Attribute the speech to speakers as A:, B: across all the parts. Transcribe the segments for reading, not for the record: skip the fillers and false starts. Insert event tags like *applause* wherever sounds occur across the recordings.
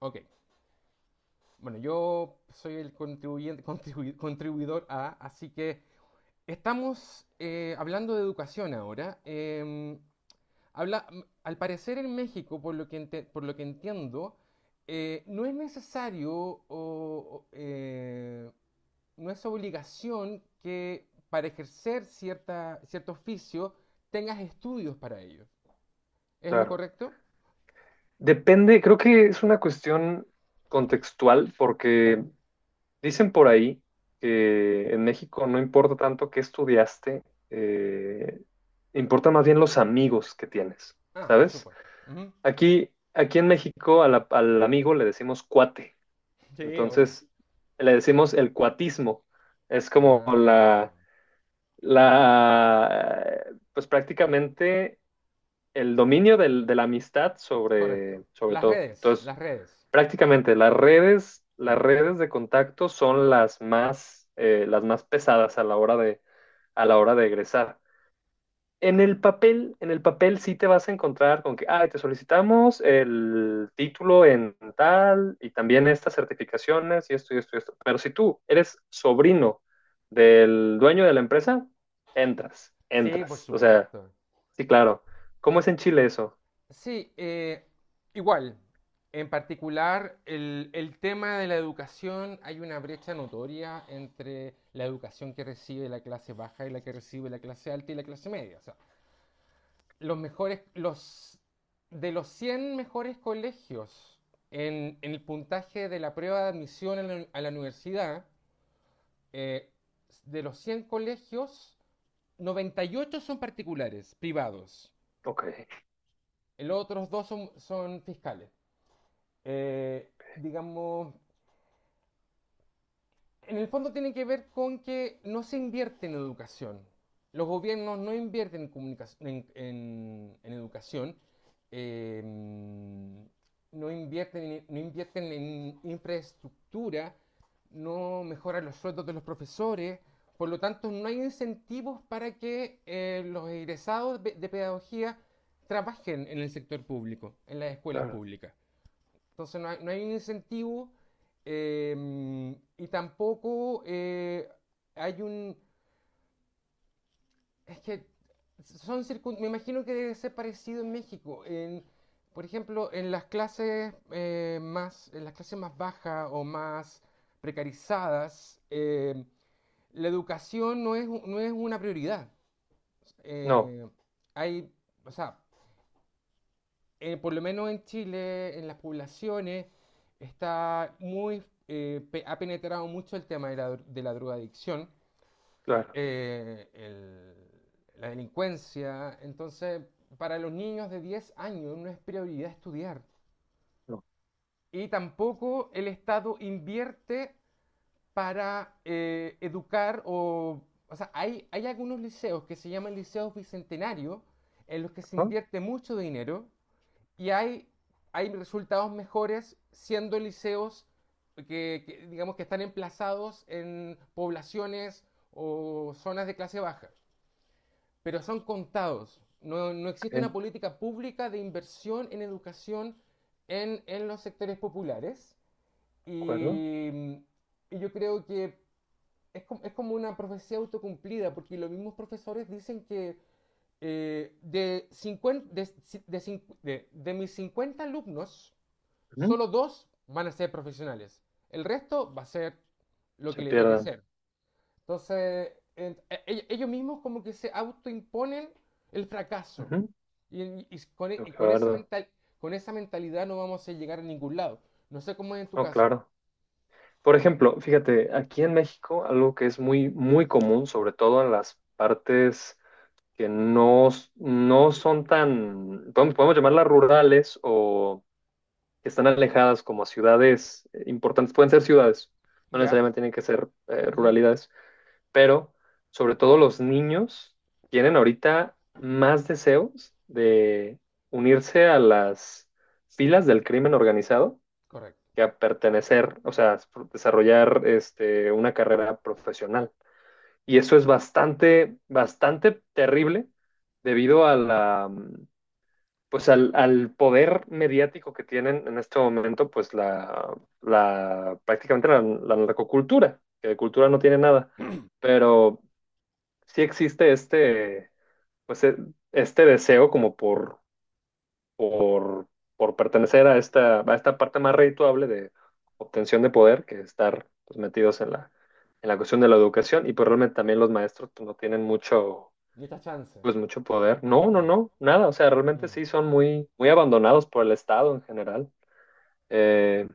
A: Ok, bueno, yo soy el contribuyente, *laughs* contribuidor A, así que estamos hablando de educación ahora. Habla, al parecer en México, por lo que, por lo que entiendo, no es necesario o, no es obligación que para ejercer cierto oficio tengas estudios para ello. ¿Es lo
B: Claro.
A: correcto?
B: Depende, creo que es una cuestión contextual porque dicen por ahí que en México no importa tanto qué estudiaste, eh, importa más bien los amigos que tienes,
A: Ah, por
B: ¿sabes?
A: supuesto. Ujú.
B: Aquí en México a al amigo le decimos cuate,
A: Sí, obvio.
B: entonces le decimos el cuatismo, es como
A: Ah.
B: la, pues prácticamente el dominio de la amistad sobre,
A: Correcto.
B: sobre
A: Las
B: todo.
A: redes,
B: Entonces,
A: las redes.
B: prácticamente las
A: Mm.
B: redes de contacto son las más pesadas a la hora a la hora de egresar. En el papel sí te vas a encontrar con que, ah, te solicitamos el título en tal y también estas certificaciones y esto y esto y esto. Pero si tú eres sobrino del dueño de la empresa, entras,
A: Sí, por
B: entras. O sea,
A: supuesto.
B: sí, claro. ¿Cómo es en Chile eso?
A: Sí, igual. En particular, el tema de la educación, hay una brecha notoria entre la educación que recibe la clase baja y la que recibe la clase alta y la clase media. O sea, los mejores, los, de los 100 mejores colegios en el puntaje de la prueba de admisión a la universidad, eh, de los 100 colegios, 98 son particulares, privados.
B: Ok,
A: Los otros dos son fiscales. Digamos, en el fondo tiene que ver con que no se invierte en educación. Los gobiernos no invierten en, comunicación- en educación, eh, no, invierten, no invierten en infraestructura, no mejoran los sueldos de los profesores, por lo tanto no hay incentivos para que los egresados de pedagogía trabajen en el sector público, en las escuelas
B: claro.
A: públicas. Entonces no hay un incentivo y tampoco hay un. Es que son circun. Me imagino que debe ser parecido en México. Por ejemplo, en las clases más bajas o más precarizadas, la educación no es una prioridad.
B: No,
A: Eh, hay, o sea, por lo menos en Chile, en las poblaciones, ha penetrado mucho el tema de la, de la drogadicción,
B: claro.
A: eh, el- la delincuencia. Entonces, para los niños de 10 años no es prioridad estudiar.
B: No.
A: Y tampoco el Estado invierte para educar o. O sea, hay algunos liceos que se llaman liceos bicentenarios en los que se
B: Ah,
A: invierte mucho dinero y hay resultados mejores siendo liceos que, digamos, que están emplazados en poblaciones o zonas de clase baja, pero son contados. No, no
B: ok,
A: existe una
B: de
A: política pública de inversión en educación en los sectores populares
B: acuerdo.
A: y, y yo creo que es como, una profecía autocumplida, porque los mismos profesores dicen que de, 50 de mis 50 alumnos,
B: Ujú.
A: solo dos van a ser profesionales. El resto va a ser lo
B: Se
A: que le toque
B: pierden.
A: ser. Entonces, ellos mismos como que se autoimponen el fracaso.
B: Ujú.
A: Y, y
B: Tengo que verlo.
A: con esa mentalidad no vamos a llegar a ningún lado. No sé cómo es en tu
B: No,
A: caso.
B: claro. Por ejemplo, fíjate, aquí en México, algo que es muy, muy común, sobre todo en las partes que no, no son tan, podemos llamarlas rurales o que están alejadas como a ciudades importantes. Pueden ser ciudades, no
A: Ya.
B: necesariamente tienen que ser
A: Ujú.
B: ruralidades, pero sobre todo los niños tienen ahorita más deseos de unirse a las filas del crimen organizado
A: Correcto.
B: que a pertenecer, o sea, desarrollar este, una carrera profesional. Y eso es bastante, bastante terrible debido a la, pues al, al poder mediático que tienen en este momento, pues la prácticamente la narcocultura, que de cultura no tiene nada. Pero sí existe este, pues, este deseo como por, por pertenecer a esta parte más redituable de obtención de poder que estar pues, metidos en la cuestión de la educación. Y pues realmente también los maestros pues, no tienen mucho,
A: ¿Y esta chance?
B: pues, mucho poder. No, no,
A: Mm,
B: no, nada. O sea, realmente
A: mm.
B: sí son muy, muy abandonados por el Estado en general. Eh,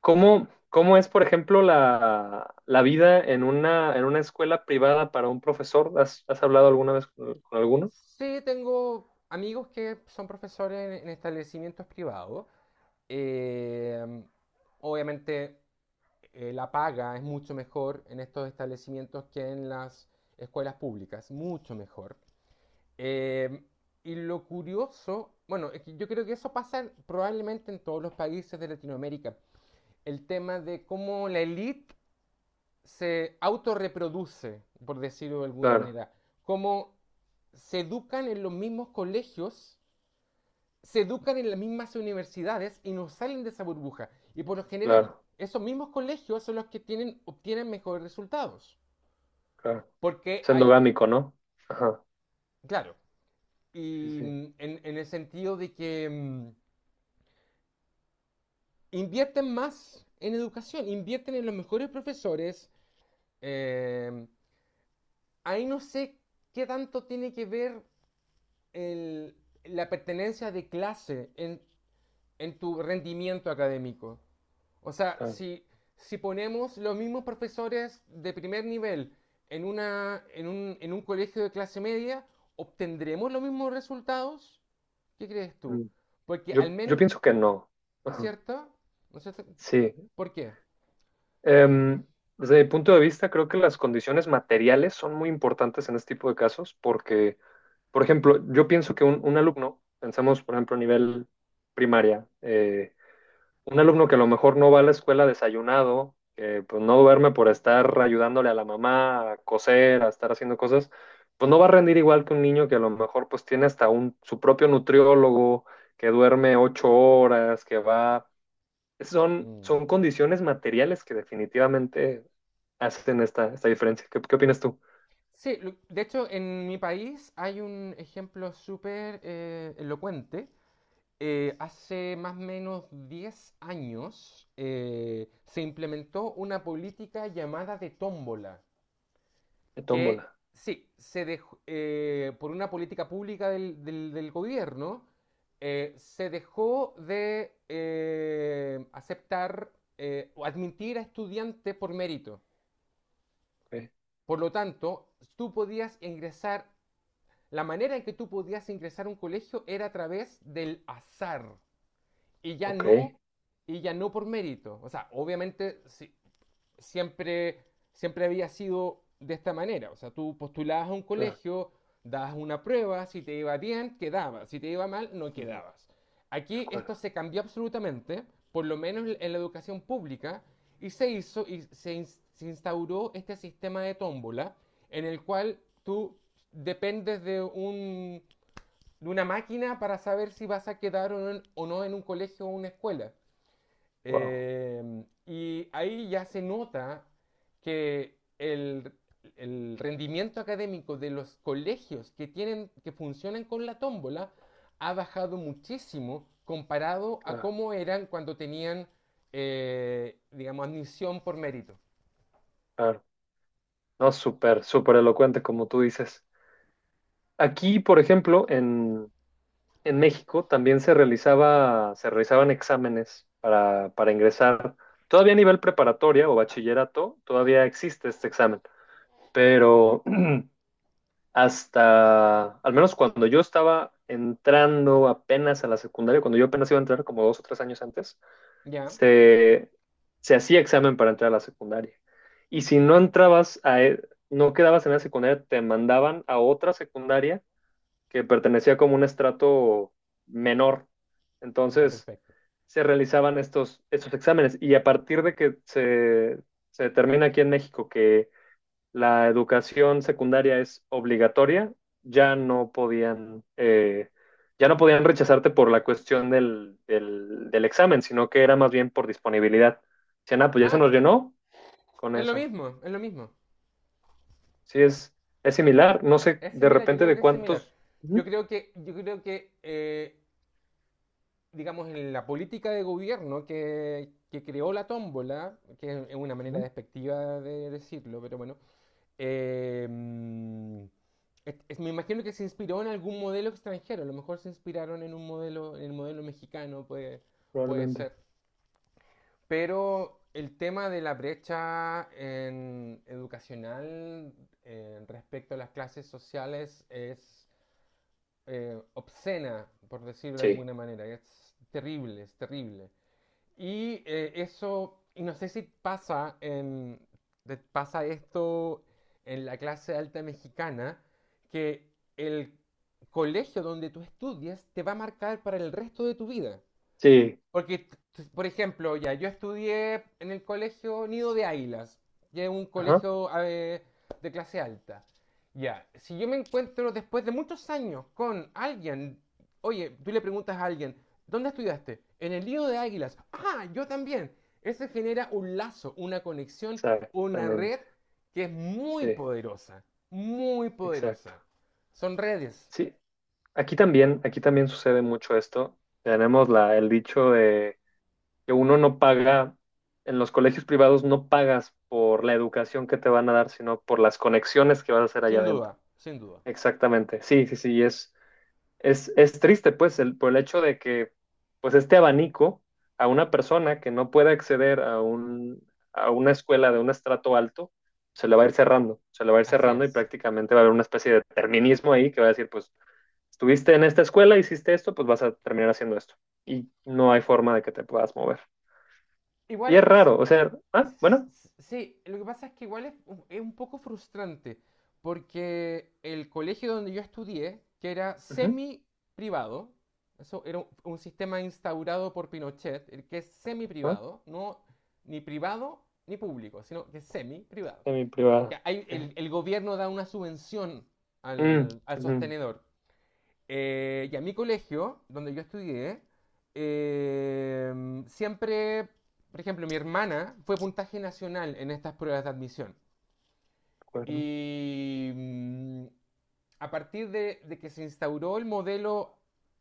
B: cómo es, por ejemplo, la vida en una escuela privada para un profesor? Has hablado alguna vez con alguno?
A: Sí, tengo amigos que son profesores en establecimientos privados. Eh, obviamente la paga es mucho mejor en estos establecimientos que en las escuelas públicas, mucho mejor. Eh, y lo curioso, bueno, es que yo creo que eso pasa probablemente en todos los países de Latinoamérica, el tema de cómo la élite se autorreproduce, por decirlo de alguna
B: Claro,
A: manera, cómo se educan en los mismos colegios se educan en las mismas universidades y no salen de esa burbuja. Y por lo general,
B: claro,
A: esos mismos colegios son los que obtienen mejores resultados.
B: claro.
A: Porque
B: Es endogámico, ¿no? Ajá,
A: claro,
B: sí,
A: y
B: sí,
A: en el sentido de que invierten más en educación, invierten en los mejores profesores. eh, ahí no sé qué tanto tiene que ver el- la pertenencia de clase en tu rendimiento académico. O sea,
B: claro.
A: si ponemos los mismos profesores de primer nivel en, una, en un colegio de clase media, ¿obtendremos los mismos resultados? ¿Qué crees
B: Mm.
A: tú? Porque al
B: Yo
A: menos,
B: pienso que no.
A: ¿no es
B: Ajá,
A: cierto? ¿No es cierto?
B: sí.
A: ¿Por qué?
B: Em, desde mi punto de vista, creo que las condiciones materiales son muy importantes en este tipo de casos porque, por ejemplo, yo pienso que un alumno, pensamos, por ejemplo, a nivel primaria, un alumno que a lo mejor no va a la escuela desayunado, que pues no duerme por estar ayudándole a la mamá a coser, a estar haciendo cosas, pues no va a rendir igual que un niño que a lo mejor pues tiene hasta un, su propio nutriólogo, que duerme ocho horas, que va... Son,
A: Mm.
B: son condiciones materiales que definitivamente hacen esta, esta diferencia. ¿Qué, qué opinas tú?
A: Sí, de hecho en mi país hay un ejemplo súper elocuente hace más o menos 10 años se implementó una política llamada de tómbola,
B: De
A: que
B: tómbola.
A: sí, se dejó, por una política pública del gobierno, se dejó de aceptar o admitir a estudiantes por mérito.
B: Ok,
A: Por lo tanto, tú podías ingresar, la manera en que tú podías ingresar a un colegio era a través del azar. y ya
B: ok,
A: no, y ya no por mérito. O sea, obviamente siempre, siempre había sido de esta manera. O sea, tú postulabas a un
B: claro.
A: colegio, dabas una prueba, si te iba bien, quedabas, si te iba mal, no
B: Ujú,
A: quedabas.
B: de
A: Aquí esto
B: acuerdo.
A: se cambió absolutamente, por lo menos en la educación pública, y se hizo y se instauró este sistema de tómbola en el cual tú dependes de una máquina para saber si vas a quedar o no en un colegio o una escuela.
B: Wow,
A: Y ahí ya se nota que el rendimiento académico de los colegios que funcionan con la tómbola ha bajado muchísimo comparado a
B: claro,
A: cómo eran cuando tenían, digamos, admisión por mérito.
B: claro. No, súper, súper elocuente como tú dices. Aquí, por ejemplo, en México también se realizaba, se realizaban exámenes para ingresar. Todavía a nivel preparatoria o bachillerato, todavía existe este examen, pero *clears throat* hasta, al menos cuando yo estaba entrando apenas a la secundaria, cuando yo apenas iba a entrar como dos o tres años antes,
A: ¿Ya?
B: se, se hacía examen para entrar a la secundaria. Y si no entrabas a, no quedabas en la secundaria, te mandaban a otra secundaria que pertenecía como un estrato menor.
A: Ya,
B: Entonces
A: perfecto.
B: se realizaban estos, estos exámenes y a partir de que se determina aquí en México que la educación secundaria es obligatoria, ya no podían, eh, ya no podían rechazarte por la cuestión del examen, sino que era más bien por disponibilidad. Decían, ah, pues ya se
A: Ah,
B: nos llenó con
A: es lo
B: eso.
A: mismo, es lo mismo.
B: Sí, es similar. No sé,
A: Es
B: de
A: similar, yo
B: repente
A: creo
B: de
A: que es similar.
B: cuántos.
A: Yo
B: Ujú,
A: creo que, yo creo que digamos, en la política de gobierno que creó la tómbola, que es una manera
B: ujú,
A: despectiva de decirlo, pero bueno, eh, mm, me imagino que se inspiró en algún modelo extranjero, a lo mejor se inspiraron en un modelo, en el modelo mexicano, puede
B: probablemente.
A: ser. Pero el tema de la brecha educacional respecto a las clases sociales es obscena, por decirlo de
B: Sí.
A: alguna manera. Es terrible, es terrible. Y eso, y no sé si pasa esto en la clase alta mexicana, que el colegio donde tú estudias te va a marcar para el resto de tu vida.
B: Sí,
A: Porque, por ejemplo, ya, yo estudié en el colegio Nido de Águilas, que es un
B: ajá,
A: colegio a de clase alta. Ya, si yo me encuentro después de muchos años con alguien, oye, tú le preguntas a alguien, ¿dónde estudiaste? En el Nido de Águilas. Ah, yo también. Eso genera un lazo, una conexión, una
B: exactamente.
A: red que es muy
B: Sí,
A: poderosa, muy
B: exacto.
A: poderosa. Son redes,
B: Sí, aquí también sucede mucho esto. Tenemos el dicho de que uno no paga, en los colegios privados no pagas por la educación que te van a dar, sino por las conexiones que vas a hacer allá
A: sin
B: adentro.
A: duda, sin duda.
B: Exactamente. Sí, sí, sí, es triste, pues, el, por el hecho de que, pues, este abanico a una persona que no pueda acceder a un, a una escuela de un estrato alto, se le va a ir cerrando, se le va a ir
A: Así
B: cerrando y
A: es.
B: prácticamente va a haber una especie de determinismo ahí que va a decir, pues, estuviste en esta escuela, hiciste esto, pues vas a terminar haciendo esto. Y no hay forma de que te puedas mover. Y
A: Igual,
B: es
A: no sé.
B: raro, o sea, ah,
A: S-
B: bueno,
A: Sí, lo que pasa es que igual es un poco frustrante, porque el colegio donde yo estudié, que era
B: ujú,
A: semi privado, eso era un sistema instaurado por Pinochet, el que es semi
B: ah,
A: privado, no ni privado ni público, sino que es semi privado.
B: semiprivada,
A: El,
B: ok.
A: el gobierno da una subvención
B: Mm,
A: al
B: ujú, de
A: sostenedor, y a mi colegio, donde yo estudié, siempre, por ejemplo, mi hermana fue puntaje nacional en estas pruebas de admisión.
B: acuerdo.
A: Y a partir de que se instauró el modelo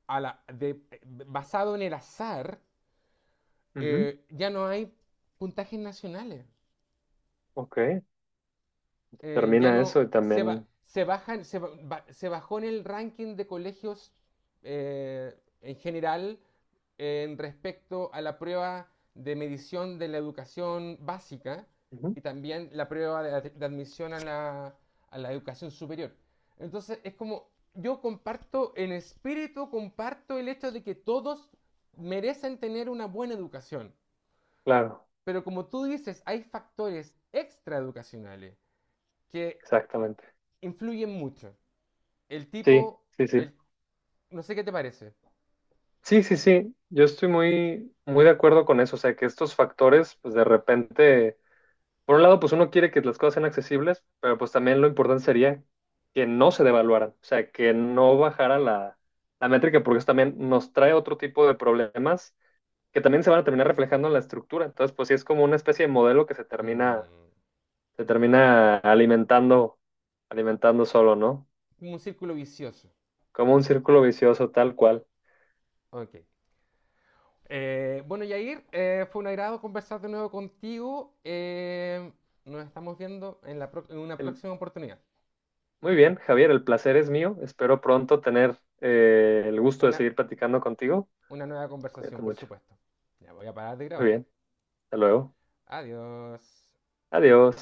A: a la- de- basado en el azar,
B: Ujú,
A: ya no hay puntajes nacionales.
B: ok,
A: Ya
B: termina
A: no
B: eso y
A: se, ba-
B: también,
A: se bajó en el ranking de colegios eh, en general en respecto a la prueba de medición de la educación básica
B: ujú,
A: y también la prueba de admisión a la educación superior. Entonces es como yo comparto en espíritu, comparto el hecho de que todos merecen tener una buena educación.
B: claro.
A: Pero como tú dices, hay factores extraeducacionales que
B: Exactamente.
A: influyen mucho. El
B: Sí,
A: tipo,
B: sí, sí.
A: el, no sé qué te parece.
B: Sí, sí, sí. Yo estoy muy, muy de acuerdo con eso. O sea, que estos factores, pues de repente, por un lado, pues uno quiere que las cosas sean accesibles, pero pues también lo importante sería que no se devaluaran. O sea, que no bajara la, la métrica, porque eso también nos trae otro tipo de problemas que también se van a terminar reflejando en la estructura. Entonces, pues sí es como una especie de modelo que
A: Mm,
B: se termina alimentando, alimentando solo, ¿no?
A: un círculo vicioso.
B: Como un círculo vicioso tal cual.
A: Ok. Bueno, Yair, fue un agrado conversar de nuevo contigo. Nos estamos viendo en, en una
B: El-
A: próxima oportunidad.
B: muy bien, Javier, el placer es mío. Espero pronto tener el gusto de
A: Una,
B: seguir platicando contigo.
A: una nueva conversación,
B: Cuídate
A: por
B: mucho.
A: supuesto. Ya voy a parar de
B: Muy
A: grabar.
B: bien, hasta luego.
A: Adiós.
B: Adiós.